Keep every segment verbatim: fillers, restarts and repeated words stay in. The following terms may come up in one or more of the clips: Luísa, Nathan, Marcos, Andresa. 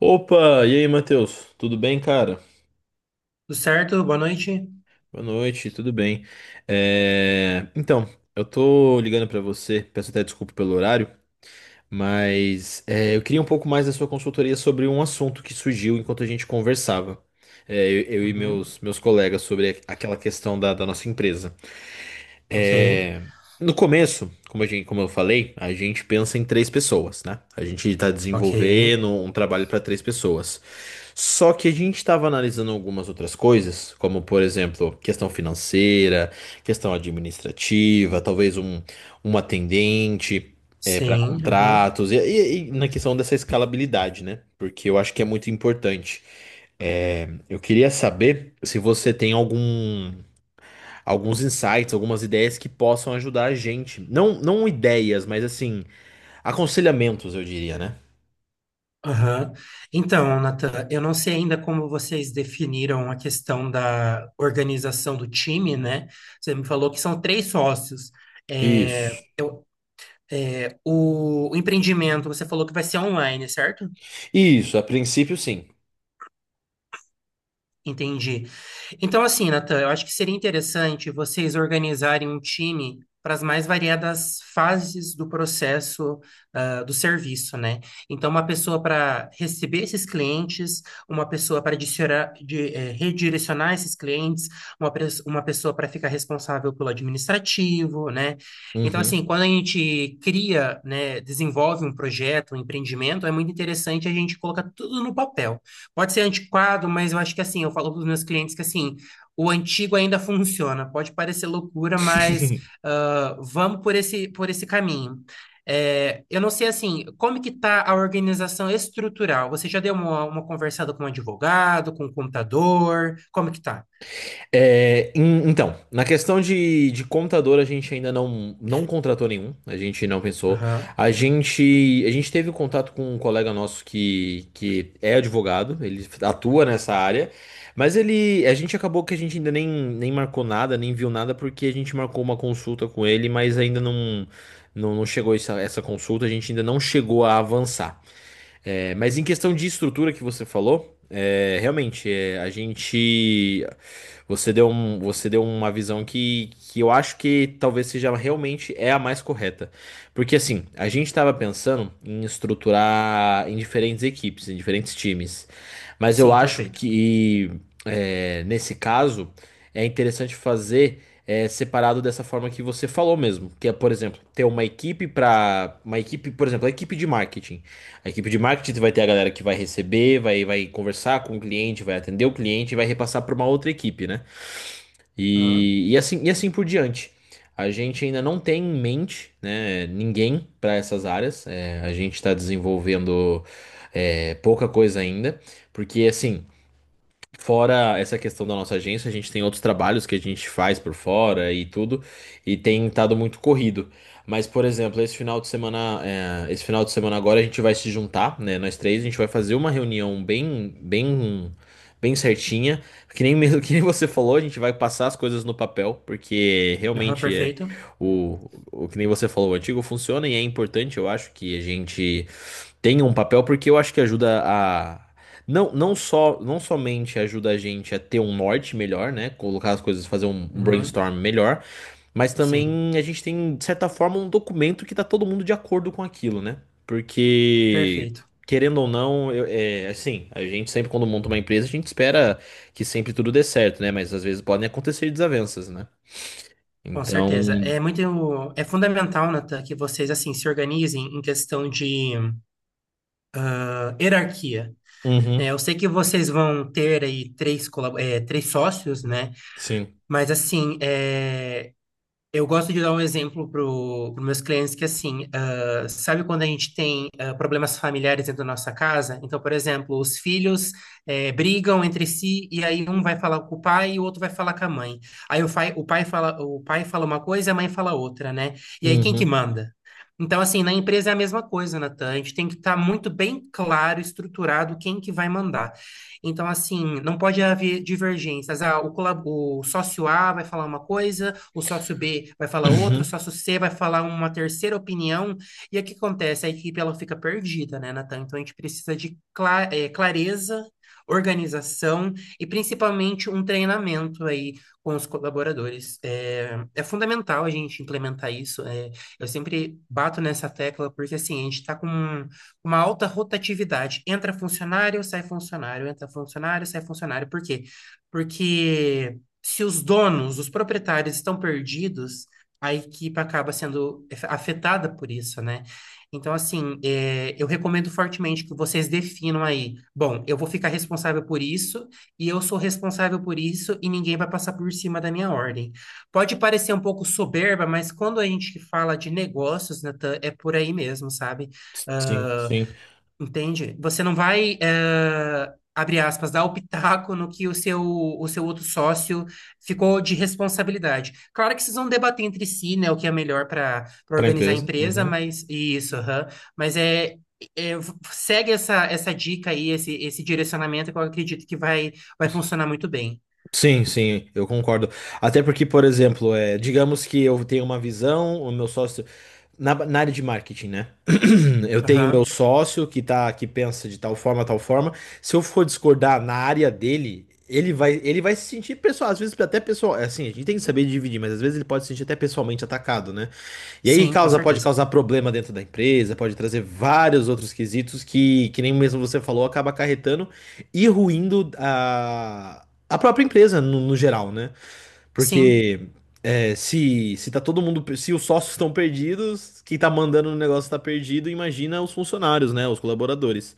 Opa, e aí, Matheus? Tudo bem, cara? Tudo certo? Boa noite. Boa noite, tudo bem. É, Então, eu tô ligando pra você, peço até desculpa pelo horário, mas é, eu queria um pouco mais da sua consultoria sobre um assunto que surgiu enquanto a gente conversava. É, eu, eu e Uhum. meus, meus colegas, sobre aquela questão da, da nossa empresa. Ok, É, No começo, como a gente, como eu falei, a gente pensa em três pessoas, né? A gente está ok. desenvolvendo um trabalho para três pessoas. Só que a gente estava analisando algumas outras coisas, como por exemplo, questão financeira, questão administrativa, talvez um, um atendente para Sim, aham, contratos, e, e- e na questão dessa escalabilidade, né? Porque eu acho que é muito importante. É, Eu queria saber se você tem algum alguns insights, algumas ideias que possam ajudar a gente. Não, não ideias, mas assim, aconselhamentos, eu diria, né? aham. Então, Nathan, eu não sei ainda como vocês definiram a questão da organização do time, né? Você me falou que são três sócios. É, Isso. eu, é, o, o empreendimento, você falou que vai ser online, certo? Isso, a princípio sim. Entendi. Então, assim, Natan, eu acho que seria interessante vocês organizarem um time para as mais variadas fases do processo, ah, do serviço, né? Então, uma pessoa para receber esses clientes, uma pessoa para redirecionar esses clientes, uma, pres- uma pessoa para ficar responsável pelo administrativo, né? Então, assim, Uhum. quando a gente cria, né, desenvolve um projeto, um empreendimento, é muito interessante a gente colocar tudo no papel. Pode ser antiquado, mas eu acho que assim, eu falo para os meus clientes que assim, o antigo ainda funciona. Pode parecer loucura, mas ah, vamos por esse, por esse caminho. É, eu não sei assim, como que está a organização estrutural? Você já deu uma, uma conversada com um advogado, com um contador? Como que tá? É, em- então, na questão de, de contador, a gente ainda não, não contratou nenhum, a gente não pensou. Aham. A gente, a gente teve contato com um colega nosso que, que é advogado, ele atua nessa área, mas ele, a gente acabou que a gente ainda nem, nem marcou nada, nem viu nada, porque a gente marcou uma consulta com ele, mas ainda não, não, não chegou essa, essa consulta, a gente ainda não chegou a avançar. É, mas em questão de estrutura que você falou, é, realmente, é, a gente. Você deu, um, você deu uma visão que, que eu acho que talvez seja realmente é a mais correta. Porque assim, a gente estava pensando em estruturar em diferentes equipes, em diferentes times. Mas eu Sim, acho perfeito. que é, nesse caso é interessante fazer é, separado dessa forma que você falou mesmo. Que é, por exemplo, ter uma equipe para. Uma equipe, por exemplo, a equipe de marketing. A equipe de marketing vai ter a galera que vai receber, vai, vai conversar com o cliente, vai atender o cliente e vai repassar para uma outra equipe, né? Aham, E, e, assim, e assim por diante. A gente ainda não tem em mente, né, ninguém para essas áreas. É, a gente está desenvolvendo é, pouca coisa ainda, porque assim, fora essa questão da nossa agência, a gente tem outros trabalhos que a gente faz por fora e tudo, e tem estado muito corrido. Mas, por exemplo, esse final de semana, é, esse final de semana agora a gente vai se juntar, né? Nós três, a gente vai fazer uma reunião bem, bem, bem certinha. Que nem mesmo que nem você falou, a gente vai passar as coisas no papel, porque aham, realmente é perfeito. o, o que nem você falou, o antigo funciona e é importante, eu acho, que a gente tem um papel, porque eu acho que ajuda a. Não, não só, não somente ajuda a gente a ter um norte melhor, né? Colocar as coisas, fazer um Uhum. brainstorm melhor, mas Sim, também a gente tem, de certa forma, um documento que tá todo mundo de acordo com aquilo, né? Porque, perfeito. querendo ou não, eu- é, assim, a gente sempre, quando monta uma empresa, a gente espera que sempre tudo dê certo, né? Mas às vezes podem acontecer desavenças, né? Com certeza. Então. É muito, é fundamental, Natan, que vocês assim se organizem em questão de ah, hierarquia. É, Uhum, eu sei que vocês vão ter aí três, colab- é, três sócios, né? sim. Mas assim, é, Eu gosto de dar um exemplo para os meus clientes que, assim, ah, sabe quando a gente tem ah, problemas familiares dentro da nossa casa? Então, por exemplo, os filhos eh, brigam entre si e aí um vai falar com o pai e o outro vai falar com a mãe. Aí o pai, o pai fala, o pai fala uma coisa e a mãe fala outra, né? E aí quem que Uhum. manda? Então, assim, na empresa é a mesma coisa, Natan. A gente tem que estar muito bem claro, estruturado quem que vai mandar. Então, assim, não pode haver divergências. Ah, o, colab- o sócio A vai falar uma coisa, o sócio B vai falar outro, o Uhum. sócio C vai falar uma terceira opinião. E o que acontece? A equipe ela fica perdida, né, Natan? Então a gente precisa de cla- eh, clareza, organização e principalmente um treinamento aí com os colaboradores. É, é fundamental a gente implementar isso. É, eu sempre bato nessa tecla porque assim, a gente está com uma alta rotatividade. Entra funcionário, sai funcionário, entra funcionário, sai funcionário. Por quê? Porque se os donos, os proprietários estão perdidos, a equipe acaba sendo afetada por isso, né? Então, assim, é, eu recomendo fortemente que vocês definam aí. Bom, eu vou ficar responsável por isso, e eu sou responsável por isso, e ninguém vai passar por cima da minha ordem. Pode parecer um pouco soberba, mas quando a gente fala de negócios, Natan, é por aí mesmo, sabe? Sim, Ah, sim. entende? Você não vai, eh, abre aspas, dar o pitaco no que o seu, o seu outro sócio ficou de responsabilidade. Claro que vocês vão debater entre si, né, o que é melhor para Para organizar a empresa. empresa, Uhum. mas isso, aham. Mas é, é, segue essa, essa dica aí, esse, esse direcionamento que eu acredito que vai, vai funcionar muito bem. Sim, sim, eu concordo. Até porque, por exemplo, é, digamos que eu tenho uma visão, o meu sócio. Na, na área de marketing, né? Eu tenho o meu Aham. sócio que tá, que pensa de tal forma, tal forma. Se eu for discordar na área dele, ele vai, ele vai se sentir pessoal, às vezes até pessoal, é assim, a gente tem que saber dividir, mas às vezes ele pode se sentir até pessoalmente atacado, né? E aí Sim, com causa, Pode certeza. causar problema dentro da empresa, pode trazer vários outros quesitos que, que nem mesmo você falou, acaba acarretando e ruindo a, a própria empresa no, no geral, né? Sim, Porque é, se, se tá todo mundo, se os sócios estão perdidos, quem tá mandando no negócio tá perdido, imagina os funcionários, né? Os colaboradores.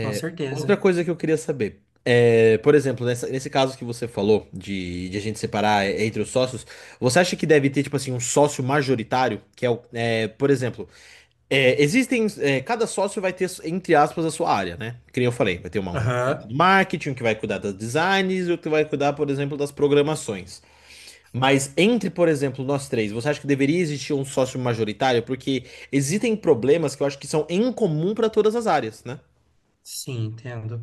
com Outra certeza. coisa que eu queria saber. É, por exemplo, nessa- nesse caso que você falou de, de a gente separar é, entre os sócios, você acha que deve ter, tipo assim, um sócio majoritário, que é o, é, por exemplo, é, existem. É, cada sócio vai ter, entre aspas, a sua área, né? Que nem eu falei, vai ter uma, um Aham. do marketing, um que vai cuidar das designs e outro que vai cuidar, por exemplo, das programações. Mas entre, por exemplo, nós três, você acha que deveria existir um sócio majoritário? Porque existem problemas que eu acho que são em comum para todas as áreas, né? Sim, entendo.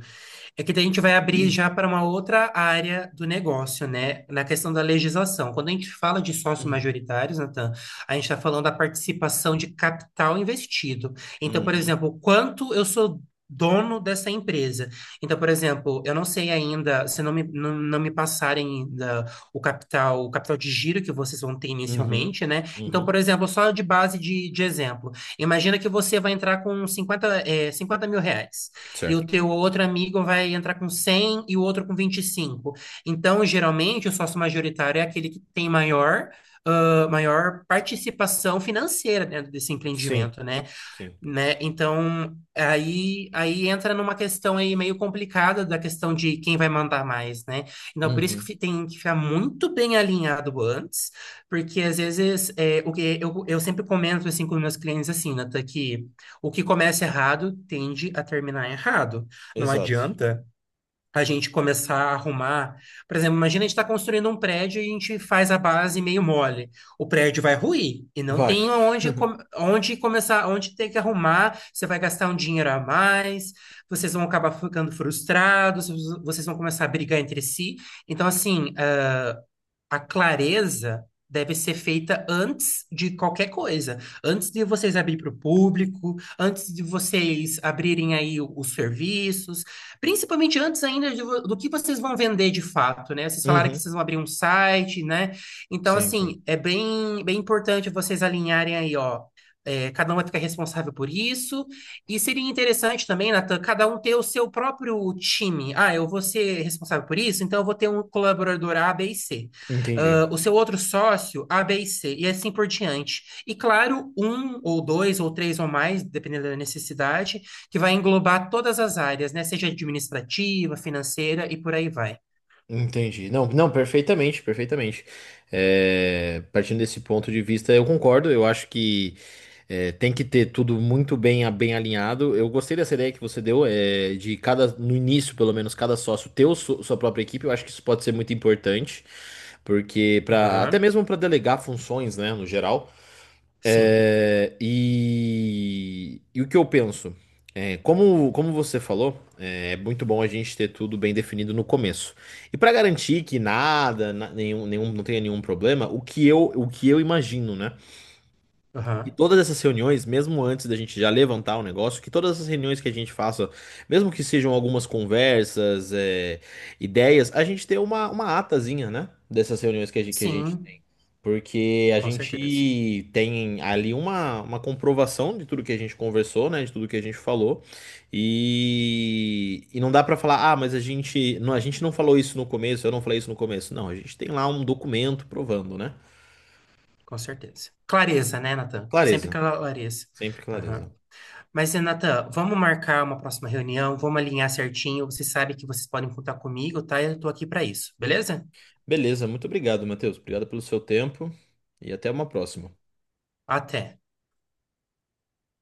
É que daí a gente vai abrir já para uma outra área do negócio, né? Na questão da legislação. Quando a gente fala de sócios majoritários, Natan, a gente está falando da participação de capital investido. Então, por Uhum, exemplo, quanto eu sou dono dessa empresa. Então, por exemplo, eu não sei ainda, se não me, não, não me passarem ainda o capital, o capital de giro que vocês vão ter uhum, inicialmente, né? uhum. Então, por uhum. exemplo, só de base de, de exemplo, imagina que você vai entrar com cinquenta eh, cinquenta mil reais e Certo. o teu outro amigo vai entrar com cem e o outro com vinte e cinco. Então, geralmente, o sócio majoritário é aquele que tem maior, ah, maior participação financeira dentro desse Sim, empreendimento, né? sim. né? Então, aí, aí entra numa questão aí meio complicada da questão de quem vai mandar mais, né? Então, por isso que Uhum, fi- tem que ficar muito bem alinhado antes, porque às vezes é, o que eu, eu sempre comento assim com meus clientes assim, Nata, que o que começa errado tende a terminar errado. Não exato. adianta a gente começar a arrumar. Por exemplo, imagina a gente está construindo um prédio e a gente faz a base meio mole. O prédio vai ruir e não Vai. tem onde, com- onde começar, onde ter que arrumar. Você vai gastar um dinheiro a mais, vocês vão acabar ficando frustrados, vocês vão começar a brigar entre si. Então, assim, a clareza deve ser feita antes de qualquer coisa, antes de vocês abrir para o público, antes de vocês abrirem aí o- os serviços, principalmente antes ainda de vo- do que vocês vão vender de fato, né? Vocês falaram que Uhum, vocês vão abrir um site, né? Então, sim, sim. assim, é bem, bem importante vocês alinharem aí, ó. É, cada um vai ficar responsável por isso. E seria interessante também, Natan, cada um ter o seu próprio time. Ah, eu vou ser responsável por isso, então eu vou ter um colaborador A, B e C, Entendi. ah, o seu outro sócio, A, B e C, e assim por diante. E claro, um ou dois ou três ou mais, dependendo da necessidade, que vai englobar todas as áreas, né? Seja administrativa, financeira e por aí vai. Entendi. Não, não, perfeitamente, perfeitamente. É, partindo desse ponto de vista, eu concordo. Eu acho que é, tem que ter tudo muito bem, bem alinhado. Eu gostei dessa ideia que você deu, é, de cada, no início, pelo menos, cada sócio ter o su- sua própria equipe. Eu acho que isso pode ser muito importante, porque para até Aham, mesmo para delegar funções, né, no geral. sim. É, e, e o que eu penso? É, como, como você falou, é é muito bom a gente ter tudo bem definido no começo. E para garantir que nada, na- nenhum, nenhum, não tenha nenhum problema, o que eu, o que eu imagino, né? Que Aham, todas essas reuniões, mesmo antes da gente já levantar o negócio, que todas essas reuniões que a gente faça, mesmo que sejam algumas conversas, é, ideias, a gente tem uma, uma atazinha, né? Dessas reuniões que a gente, que a gente sim, tem. Porque a com certeza. gente tem ali uma, uma comprovação de tudo que a gente conversou, né? De tudo que a gente falou. E, e não dá pra falar, ah, mas a gente não, a gente não falou isso no começo, eu não falei isso no começo. Não, a gente tem lá um documento provando, né? Com certeza. Clareza, né, Natan? Sempre Clareza, clareza. sempre Aham. clareza. Mas, Renata, vamos marcar uma próxima reunião, vamos alinhar certinho. Você sabe que vocês podem contar comigo, tá? Eu tô aqui para isso, beleza? Beleza, muito obrigado, Matheus. Obrigado pelo seu tempo e até uma próxima. Até.